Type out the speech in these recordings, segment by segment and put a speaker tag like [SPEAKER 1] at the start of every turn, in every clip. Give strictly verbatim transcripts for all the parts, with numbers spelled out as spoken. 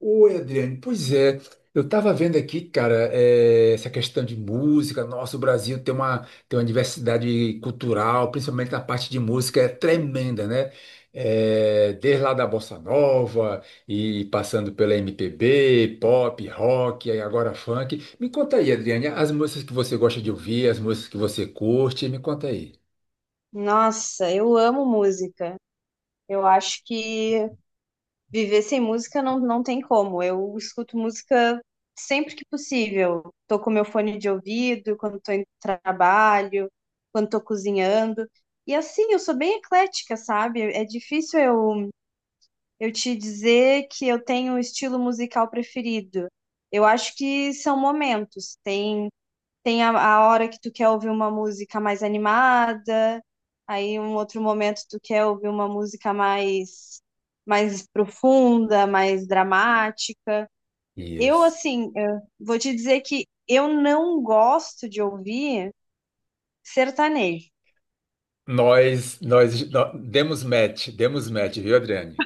[SPEAKER 1] Oi, Adriane. Pois é, eu estava vendo aqui, cara, eh, essa questão de música. Nossa, o Brasil tem uma, tem uma diversidade cultural, principalmente na parte de música, é tremenda, né? Eh, desde lá da Bossa Nova e passando pela M P B, pop, rock, aí agora funk. Me conta aí, Adriane, as músicas que você gosta de ouvir, as músicas que você curte, me conta aí.
[SPEAKER 2] Nossa, eu amo música. Eu acho que viver sem música não, não tem como. Eu escuto música sempre que possível. Tô com meu fone de ouvido, quando tô em trabalho, quando tô cozinhando. E assim, eu sou bem eclética, sabe? É difícil eu eu te dizer que eu tenho um estilo musical preferido. Eu acho que são momentos. Tem, tem a, a hora que tu quer ouvir uma música mais animada, aí um outro momento tu quer ouvir uma música mais, mais profunda, mais dramática. Eu,
[SPEAKER 1] Isso.
[SPEAKER 2] assim, eu vou te dizer que eu não gosto de ouvir sertanejo.
[SPEAKER 1] Nós, nós, nó- demos match, demos match, viu, Adriane?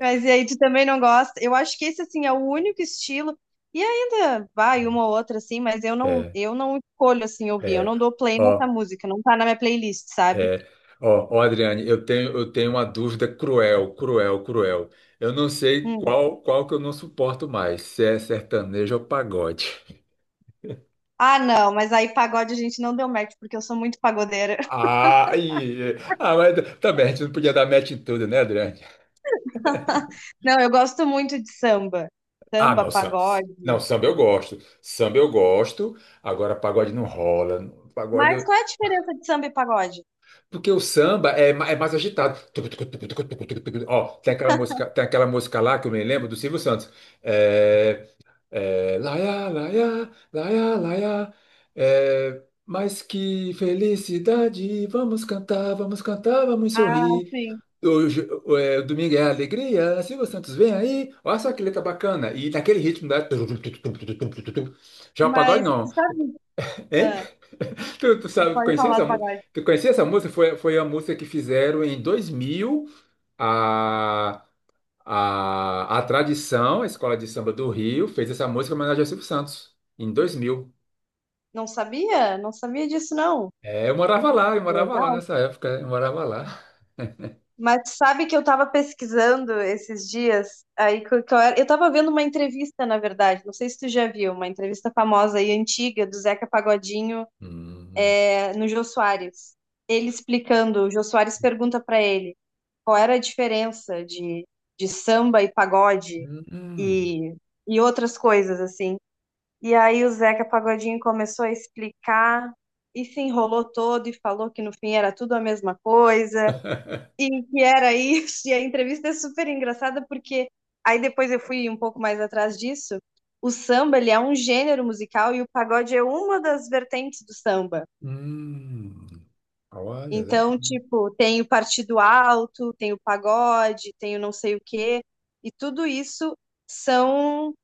[SPEAKER 2] Mas e aí, tu também não gosta? Eu acho que esse, assim, é o único estilo. E ainda vai uma ou outra, assim, mas eu não,
[SPEAKER 1] É.
[SPEAKER 2] eu não escolho, assim, ouvir. Eu
[SPEAKER 1] É,
[SPEAKER 2] não dou play nessa
[SPEAKER 1] ó,
[SPEAKER 2] música, não tá na minha playlist, sabe?
[SPEAKER 1] é, ó, Ó, Adriane, eu tenho, eu tenho uma dúvida cruel, cruel, cruel. Eu não sei
[SPEAKER 2] Hum.
[SPEAKER 1] qual, qual que eu não suporto mais, se é sertanejo ou pagode.
[SPEAKER 2] Ah, não, mas aí pagode a gente não deu match, porque eu sou muito pagodeira.
[SPEAKER 1] Ah, e, ah, mas também a gente não podia dar match em tudo, né, Adriane?
[SPEAKER 2] Não, eu gosto muito de samba.
[SPEAKER 1] Ah,
[SPEAKER 2] Samba,
[SPEAKER 1] não, samba.
[SPEAKER 2] pagode.
[SPEAKER 1] Não, samba eu gosto. Samba eu gosto. Agora pagode não rola. Pagode.
[SPEAKER 2] Mas
[SPEAKER 1] eu-
[SPEAKER 2] qual é a diferença de samba e pagode?
[SPEAKER 1] Porque o samba é, ma- é mais agitado. Ó, tem aquela música, tem aquela música lá que eu me lembro do Silvio Santos. É, É, laia, laia, laia, laia. É, mas que felicidade! Vamos cantar, vamos cantar, vamos
[SPEAKER 2] Ah,
[SPEAKER 1] sorrir.
[SPEAKER 2] sim.
[SPEAKER 1] Hoje, é, Domingo é alegria. Silvio Santos vem aí. Olha só que letra bacana. E naquele ritmo da. Já o pagode
[SPEAKER 2] Mas,
[SPEAKER 1] não.
[SPEAKER 2] sabe?
[SPEAKER 1] Hein?
[SPEAKER 2] Ah,
[SPEAKER 1] Tu, tu sabe, tu
[SPEAKER 2] pode
[SPEAKER 1] conhecia
[SPEAKER 2] falar
[SPEAKER 1] essa
[SPEAKER 2] do
[SPEAKER 1] música?
[SPEAKER 2] pagode.
[SPEAKER 1] Tu conhecia essa música? Foi, foi a música que fizeram em dois mil. A, a tradição, a escola de samba do Rio, fez essa música em homenagem ao Silvio Santos, em dois mil.
[SPEAKER 2] Não sabia? Não sabia disso, não.
[SPEAKER 1] É, eu morava lá, eu morava lá
[SPEAKER 2] Legal.
[SPEAKER 1] nessa época, eu morava lá.
[SPEAKER 2] Mas sabe que eu tava pesquisando esses dias, aí que eu, que eu era- eu tava vendo uma entrevista, na verdade, não sei se tu já viu, uma entrevista famosa e antiga do Zeca Pagodinho,
[SPEAKER 1] Hum,
[SPEAKER 2] eh, no Jô Soares. Ele explicando, o Jô Soares pergunta pra ele qual era a diferença de, de samba e pagode
[SPEAKER 1] hum,
[SPEAKER 2] e, e outras coisas, assim. E aí o Zeca Pagodinho começou a explicar e se enrolou todo e falou que no fim era tudo a mesma coisa. E que era isso, e a entrevista é super engraçada porque aí depois eu fui um pouco mais atrás disso. O samba, ele é um gênero musical e o pagode é uma das vertentes do samba.
[SPEAKER 1] hum. Olha, legal.
[SPEAKER 2] Então, tipo, tem o partido alto, tem o pagode, tem o não sei o quê, e tudo isso são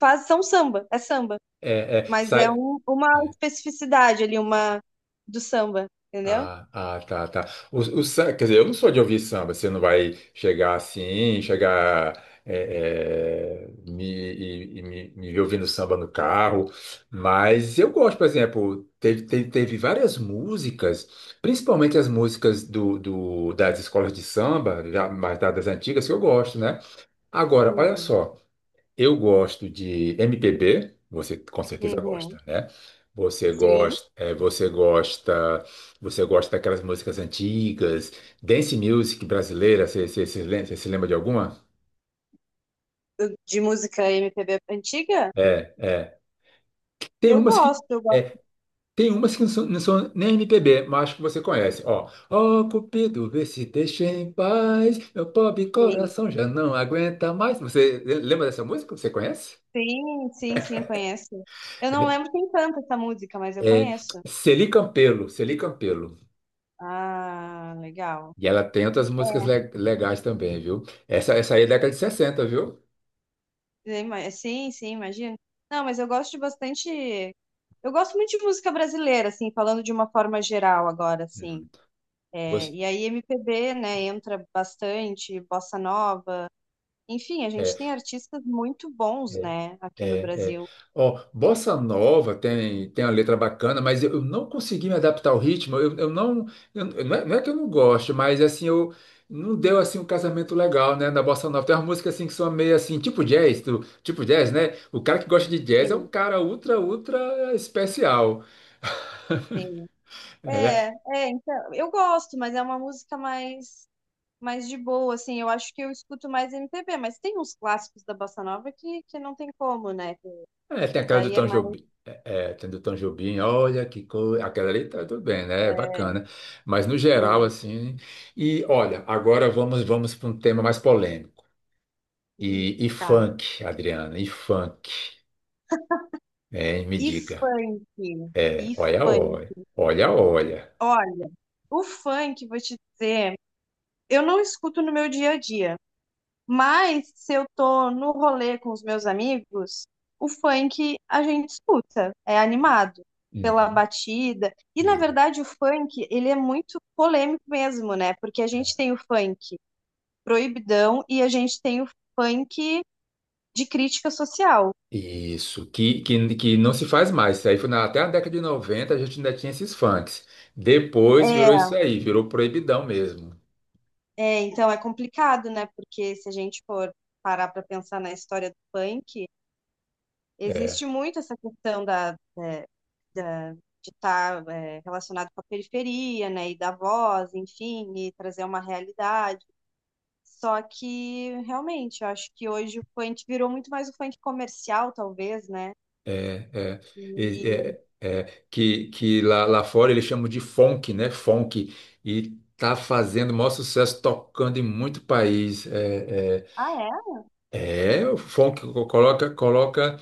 [SPEAKER 2] faz, são samba, é samba,
[SPEAKER 1] É, é,
[SPEAKER 2] mas é
[SPEAKER 1] sa-
[SPEAKER 2] um- uma especificidade ali, uma do samba, entendeu?
[SPEAKER 1] Ah, ah, tá, tá. O, o, sam- quer dizer, eu não sou de ouvir samba. Você não vai chegar assim, chegar é, é, me, e, e me, me ver ouvindo samba no carro. Mas eu gosto, por exemplo, teve, teve, teve várias músicas, principalmente as músicas do, do, das escolas de samba, já mais das antigas, que eu gosto, né? Agora, olha
[SPEAKER 2] Uhum,
[SPEAKER 1] só. Eu gosto de M P B, você com certeza gosta,
[SPEAKER 2] uhum.
[SPEAKER 1] né? Você
[SPEAKER 2] Sim,
[SPEAKER 1] gosta, é, você gosta, você gosta daquelas músicas antigas, dance music brasileira, você você- você lem- você se lembra de alguma?
[SPEAKER 2] de música M P B antiga?
[SPEAKER 1] É, é. Tem
[SPEAKER 2] Eu
[SPEAKER 1] umas que
[SPEAKER 2] gosto, eu gosto
[SPEAKER 1] é, tem umas que não são, não são nem M P B, mas acho que você conhece. Ó, ó, Cupido, vê se deixa em paz, meu pobre
[SPEAKER 2] gostei.
[SPEAKER 1] coração já não aguenta mais. Você lembra dessa música? Você conhece?
[SPEAKER 2] Sim, sim, sim, conheço. Eu não
[SPEAKER 1] É,
[SPEAKER 2] lembro quem canta essa música, mas eu
[SPEAKER 1] é
[SPEAKER 2] conheço.
[SPEAKER 1] Celi Campelo, Celi Campelo.
[SPEAKER 2] Ah, legal.
[SPEAKER 1] E ela tem outras músicas le- legais também, viu? Essa, essa aí é década de sessenta, viu?
[SPEAKER 2] Ima- Sim, sim, imagino. Não, mas eu gosto de bastante. Eu gosto muito de música brasileira, assim, falando de uma forma geral agora, assim.
[SPEAKER 1] Hum.
[SPEAKER 2] É,
[SPEAKER 1] Gos-
[SPEAKER 2] e aí M P B, né, entra bastante, bossa nova. Enfim, a gente
[SPEAKER 1] É,
[SPEAKER 2] tem artistas muito bons,
[SPEAKER 1] é,
[SPEAKER 2] né, aqui no
[SPEAKER 1] é, é.
[SPEAKER 2] Brasil.
[SPEAKER 1] Ó, Bossa Nova tem, tem uma letra bacana, mas eu eu não consegui me adaptar ao ritmo. Eu, eu não, eu- não é, não é que eu não gosto, mas assim, eu não deu assim um casamento legal, né, na Bossa Nova. Tem umas músicas assim que são meio assim, tipo jazz, tu- tipo jazz, né? O cara que gosta de jazz é um
[SPEAKER 2] Sim,
[SPEAKER 1] cara ultra, ultra especial.
[SPEAKER 2] sim. É, é, então, eu gosto, mas é uma música mais mais de boa, assim, eu acho que eu escuto mais M P B, mas tem uns clássicos da Bossa Nova que, que não tem como, né?
[SPEAKER 1] É, tem
[SPEAKER 2] Que
[SPEAKER 1] aquela do
[SPEAKER 2] daí é
[SPEAKER 1] Tom
[SPEAKER 2] mais,
[SPEAKER 1] Jobim. É, é, tem do Tom Jobim, olha que coisa. Aquela ali tá tudo bem, né? É
[SPEAKER 2] é,
[SPEAKER 1] bacana. Mas no geral,
[SPEAKER 2] assim,
[SPEAKER 1] assim. E olha, agora vamos vamos para um tema mais polêmico. E, e
[SPEAKER 2] eita.
[SPEAKER 1] funk, Adriana, e funk. Né? Me
[SPEAKER 2] E
[SPEAKER 1] diga.
[SPEAKER 2] funk, e
[SPEAKER 1] É, olha,
[SPEAKER 2] funk.
[SPEAKER 1] olha. Olha, olha.
[SPEAKER 2] Olha, o funk, vou te dizer, eu não escuto no meu dia a dia, mas se eu tô no rolê com os meus amigos, o funk a gente escuta, é animado pela
[SPEAKER 1] Uhum.
[SPEAKER 2] batida. E na
[SPEAKER 1] E,
[SPEAKER 2] verdade o funk, ele é muito polêmico mesmo, né? Porque a gente tem o funk proibidão, e a gente tem o funk de crítica social.
[SPEAKER 1] isso, que, que, que não se faz mais. Isso aí foi na- até a década de noventa a gente ainda tinha esses funks. Depois virou
[SPEAKER 2] É,
[SPEAKER 1] isso aí, virou proibidão mesmo.
[SPEAKER 2] é, então é complicado, né? Porque se a gente for parar para pensar na história do funk,
[SPEAKER 1] É,
[SPEAKER 2] existe muito essa questão da, da- da- de estar tá, é, relacionado com a periferia, né? E da voz, enfim, e trazer uma realidade. Só que realmente, eu acho que hoje o funk virou muito mais o funk comercial, talvez, né?
[SPEAKER 1] É, é, E-
[SPEAKER 2] E...
[SPEAKER 1] é, é, que, que lá, lá fora eles chamam de funk, né? Funk. E tá fazendo o maior sucesso tocando em muito país. É,
[SPEAKER 2] Ah, é?
[SPEAKER 1] é, é, o funk co- coloca, coloca.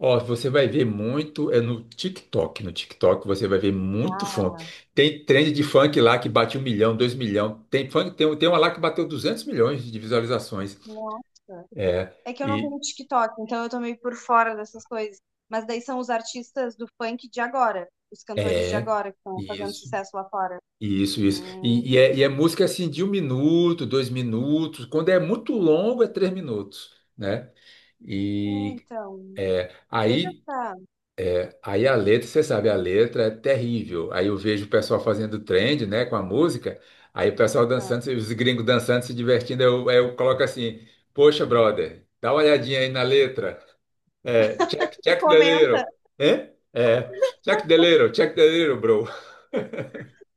[SPEAKER 1] Ó, você vai ver muito, é no TikTok. No TikTok você vai ver muito
[SPEAKER 2] Ah
[SPEAKER 1] funk. Tem trend de funk lá que bate um milhão, dois milhão. Tem funk, tem, tem uma lá que bateu duzentos milhões de visualizações.
[SPEAKER 2] Nossa.
[SPEAKER 1] É,
[SPEAKER 2] É que eu não
[SPEAKER 1] e
[SPEAKER 2] tenho TikTok, então eu tô meio por fora dessas coisas. Mas daí são os artistas do funk de agora, os cantores de
[SPEAKER 1] é.
[SPEAKER 2] agora que estão fazendo
[SPEAKER 1] Isso.
[SPEAKER 2] sucesso lá fora.
[SPEAKER 1] Isso, isso. E, e é, e é
[SPEAKER 2] Hum.
[SPEAKER 1] música assim de um minuto, dois minutos. Quando é muito longo, é três minutos, né?
[SPEAKER 2] É,
[SPEAKER 1] E
[SPEAKER 2] então, teve
[SPEAKER 1] aí,
[SPEAKER 2] essa.
[SPEAKER 1] aí a letra, você sabe, a letra é terrível. Aí eu vejo o pessoal fazendo trend, né, com a música. Aí o pessoal
[SPEAKER 2] essa-
[SPEAKER 1] dançando, os gringos dançando, se divertindo. Eu, eu coloco assim: Poxa, brother, dá uma olhadinha aí na letra. É, check,
[SPEAKER 2] Tu
[SPEAKER 1] check the
[SPEAKER 2] Comenta.
[SPEAKER 1] little. Hã? É, check the little, check the little, bro.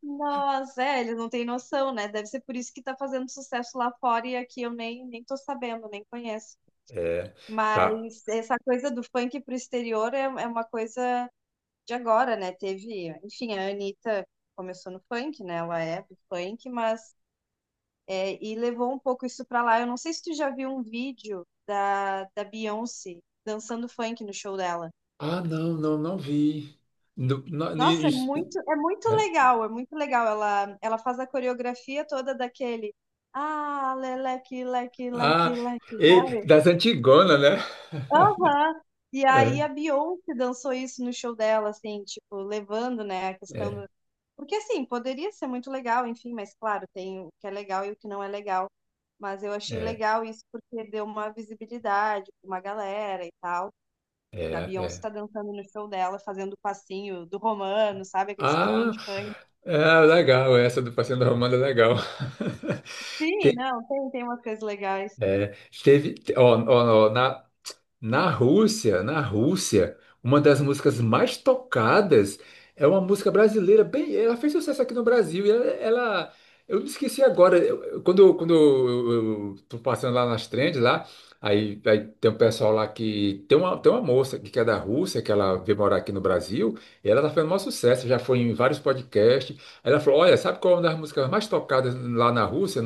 [SPEAKER 2] Nossa, é, eles não têm noção, né? Deve ser por isso que tá fazendo sucesso lá fora e aqui eu nem, nem tô sabendo, nem conheço.
[SPEAKER 1] É, tá.
[SPEAKER 2] Mas essa coisa do funk pro exterior é, é uma coisa de agora, né? Teve, enfim, a Anitta começou no funk, né? Ela é do funk, mas é, e levou um pouco isso pra lá. Eu não sei se tu já viu um vídeo da, da Beyoncé dançando funk no show dela.
[SPEAKER 1] Ah, não, não, não vi. No- na- ni-
[SPEAKER 2] Nossa, é
[SPEAKER 1] isso-
[SPEAKER 2] muito, é muito
[SPEAKER 1] é.
[SPEAKER 2] legal, é muito legal. Ela, ela faz a coreografia toda daquele. Ah, leleque, leque, leque,
[SPEAKER 1] Ah,
[SPEAKER 2] leque,
[SPEAKER 1] e
[SPEAKER 2] sabe?
[SPEAKER 1] das Antigonas, né?
[SPEAKER 2] Aham. E
[SPEAKER 1] É,
[SPEAKER 2] aí a Beyoncé dançou isso no show dela, assim, tipo, levando, né, a
[SPEAKER 1] é,
[SPEAKER 2] questão. Porque assim, poderia ser muito legal, enfim, mas claro, tem o que é legal e o que não é legal. Mas eu achei
[SPEAKER 1] é,
[SPEAKER 2] legal isso porque deu uma visibilidade pra uma galera e tal.
[SPEAKER 1] é,
[SPEAKER 2] Da Beyoncé tá
[SPEAKER 1] é.
[SPEAKER 2] dançando no show dela, fazendo o passinho do Romano, sabe? Aqueles passinhos
[SPEAKER 1] Ah,
[SPEAKER 2] de funk.
[SPEAKER 1] é, legal, essa do Passeio da Romana é legal.
[SPEAKER 2] Sim,
[SPEAKER 1] Te-
[SPEAKER 2] não, tem, tem umas coisas legais.
[SPEAKER 1] é, teve, te- ó, ó, ó, na, Na Rússia, na Rússia, uma das músicas mais tocadas é uma música brasileira. Bem, ela fez sucesso aqui no Brasil. E ela, ela- eu me esqueci agora. eu- eu- quando eu- quando eu, eu- eu tô passando lá nas trends lá, aí, aí tem um pessoal lá que tem uma tem uma moça que que é da Rússia que ela veio morar aqui no Brasil. E ela tá fazendo maior sucesso. Já foi em vários podcasts. Aí ela falou, olha, sabe qual é uma das músicas mais tocadas lá na Rússia?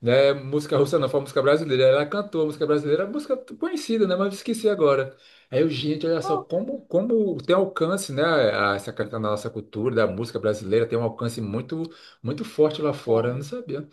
[SPEAKER 1] Né? Música russa não, foi música brasileira. Ela cantou a música brasileira, a música conhecida, né? Mas eu esqueci agora. Aí eu, gente, olha só
[SPEAKER 2] Qual que não
[SPEAKER 1] como, como tem alcance, né? a- Essa canção da nossa cultura, da música brasileira, tem um alcance muito, muito forte lá fora. Eu não
[SPEAKER 2] tem?
[SPEAKER 1] sabia.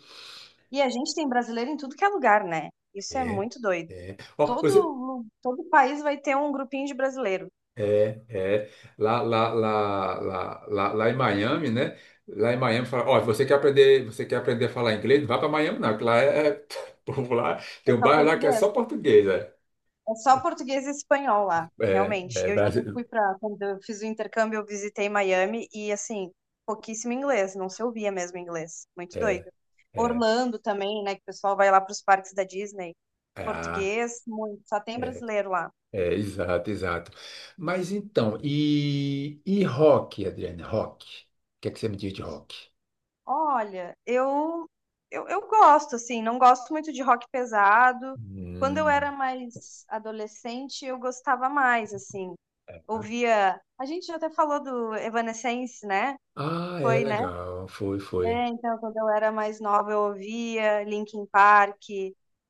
[SPEAKER 2] E a gente tem brasileiro em tudo que é lugar, né? Isso é
[SPEAKER 1] É,
[SPEAKER 2] muito doido.
[SPEAKER 1] é. Ó,
[SPEAKER 2] Todo,
[SPEAKER 1] você.
[SPEAKER 2] lu- todo país vai ter um grupinho de brasileiro.
[SPEAKER 1] É, é. Lá, lá, lá, lá, lá, lá em Miami, né? Lá em Miami, fala, ó, você quer aprender, você quer aprender a falar inglês? Não vai para Miami, não, que lá é, é- povo lá,
[SPEAKER 2] É
[SPEAKER 1] tem um
[SPEAKER 2] só
[SPEAKER 1] bairro lá que é
[SPEAKER 2] português.
[SPEAKER 1] só português, né?
[SPEAKER 2] É só português e espanhol lá,
[SPEAKER 1] É,
[SPEAKER 2] realmente.
[SPEAKER 1] é,
[SPEAKER 2] Eu já
[SPEAKER 1] Brasil,
[SPEAKER 2] fui para quando eu fiz o intercâmbio, eu visitei Miami e assim, pouquíssimo inglês, não se ouvia mesmo inglês. Muito doido.
[SPEAKER 1] É,
[SPEAKER 2] Orlando também, né, que o pessoal vai lá para os parques da Disney.
[SPEAKER 1] ah,
[SPEAKER 2] Português, muito, só tem
[SPEAKER 1] é,
[SPEAKER 2] brasileiro lá.
[SPEAKER 1] é, exato, exato. Mas então, e, e rock, Adriane, rock? O que é que você me diz de rock?
[SPEAKER 2] Olha, eu, eu eu gosto assim, não gosto muito de rock pesado. Quando eu era
[SPEAKER 1] Hum.
[SPEAKER 2] mais adolescente, eu gostava mais assim. Ouvia, a gente já até falou do Evanescence, né?
[SPEAKER 1] Ah, é
[SPEAKER 2] Foi, né?
[SPEAKER 1] legal, foi, foi.
[SPEAKER 2] É, então, quando eu era mais nova, eu ouvia Linkin Park, eh,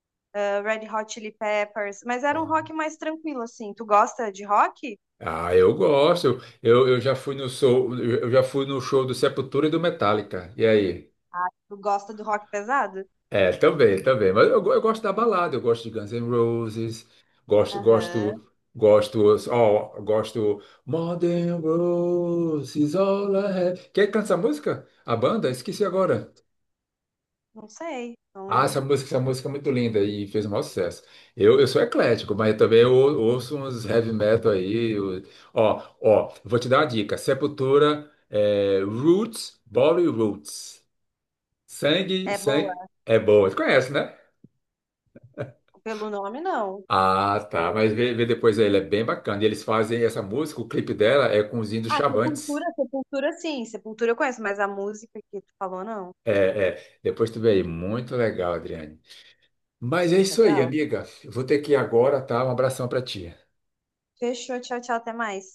[SPEAKER 2] Red Hot Chili Peppers, mas era um
[SPEAKER 1] Bom.
[SPEAKER 2] rock mais tranquilo, assim. Tu gosta de rock?
[SPEAKER 1] Ah, eu gosto. Eu, eu já fui no show, eu já fui no show do Sepultura e do Metallica. E aí?
[SPEAKER 2] Tu gosta do rock pesado?
[SPEAKER 1] É, também, também. Mas eu, go- eu gosto da balada, eu gosto de Guns N' Roses, gosto,
[SPEAKER 2] Aham,
[SPEAKER 1] gosto, gosto, ó, gosto More Than Roses, All I Have. Quem canta essa música? A banda? Esqueci agora.
[SPEAKER 2] não sei.
[SPEAKER 1] Ah,
[SPEAKER 2] Não-
[SPEAKER 1] essa música, essa música é muito linda e fez o maior sucesso. Eu, eu sou eclético, mas também eu ouço uns heavy metal aí. eu- Ó, ó, vou te dar uma dica. Sepultura, é, Roots, Body Roots. Sangue,
[SPEAKER 2] é
[SPEAKER 1] sangue.
[SPEAKER 2] boa.
[SPEAKER 1] É boa. Tu conhece, né?
[SPEAKER 2] Pelo nome, não.
[SPEAKER 1] Ah, tá. Mas vê, vê depois aí, ele é bem bacana. E eles fazem essa música, o clipe dela é com os índios
[SPEAKER 2] Ah, Sepultura,
[SPEAKER 1] Chavantes.
[SPEAKER 2] Sepultura, sim. Sepultura eu conheço, mas a música que tu falou, não.
[SPEAKER 1] É, é. Depois tu vê aí. Muito legal, Adriane. Mas é isso aí,
[SPEAKER 2] Legal.
[SPEAKER 1] amiga. Eu vou ter que ir agora, tá? Um abração pra ti.
[SPEAKER 2] Fechou, tchau, tchau, até mais.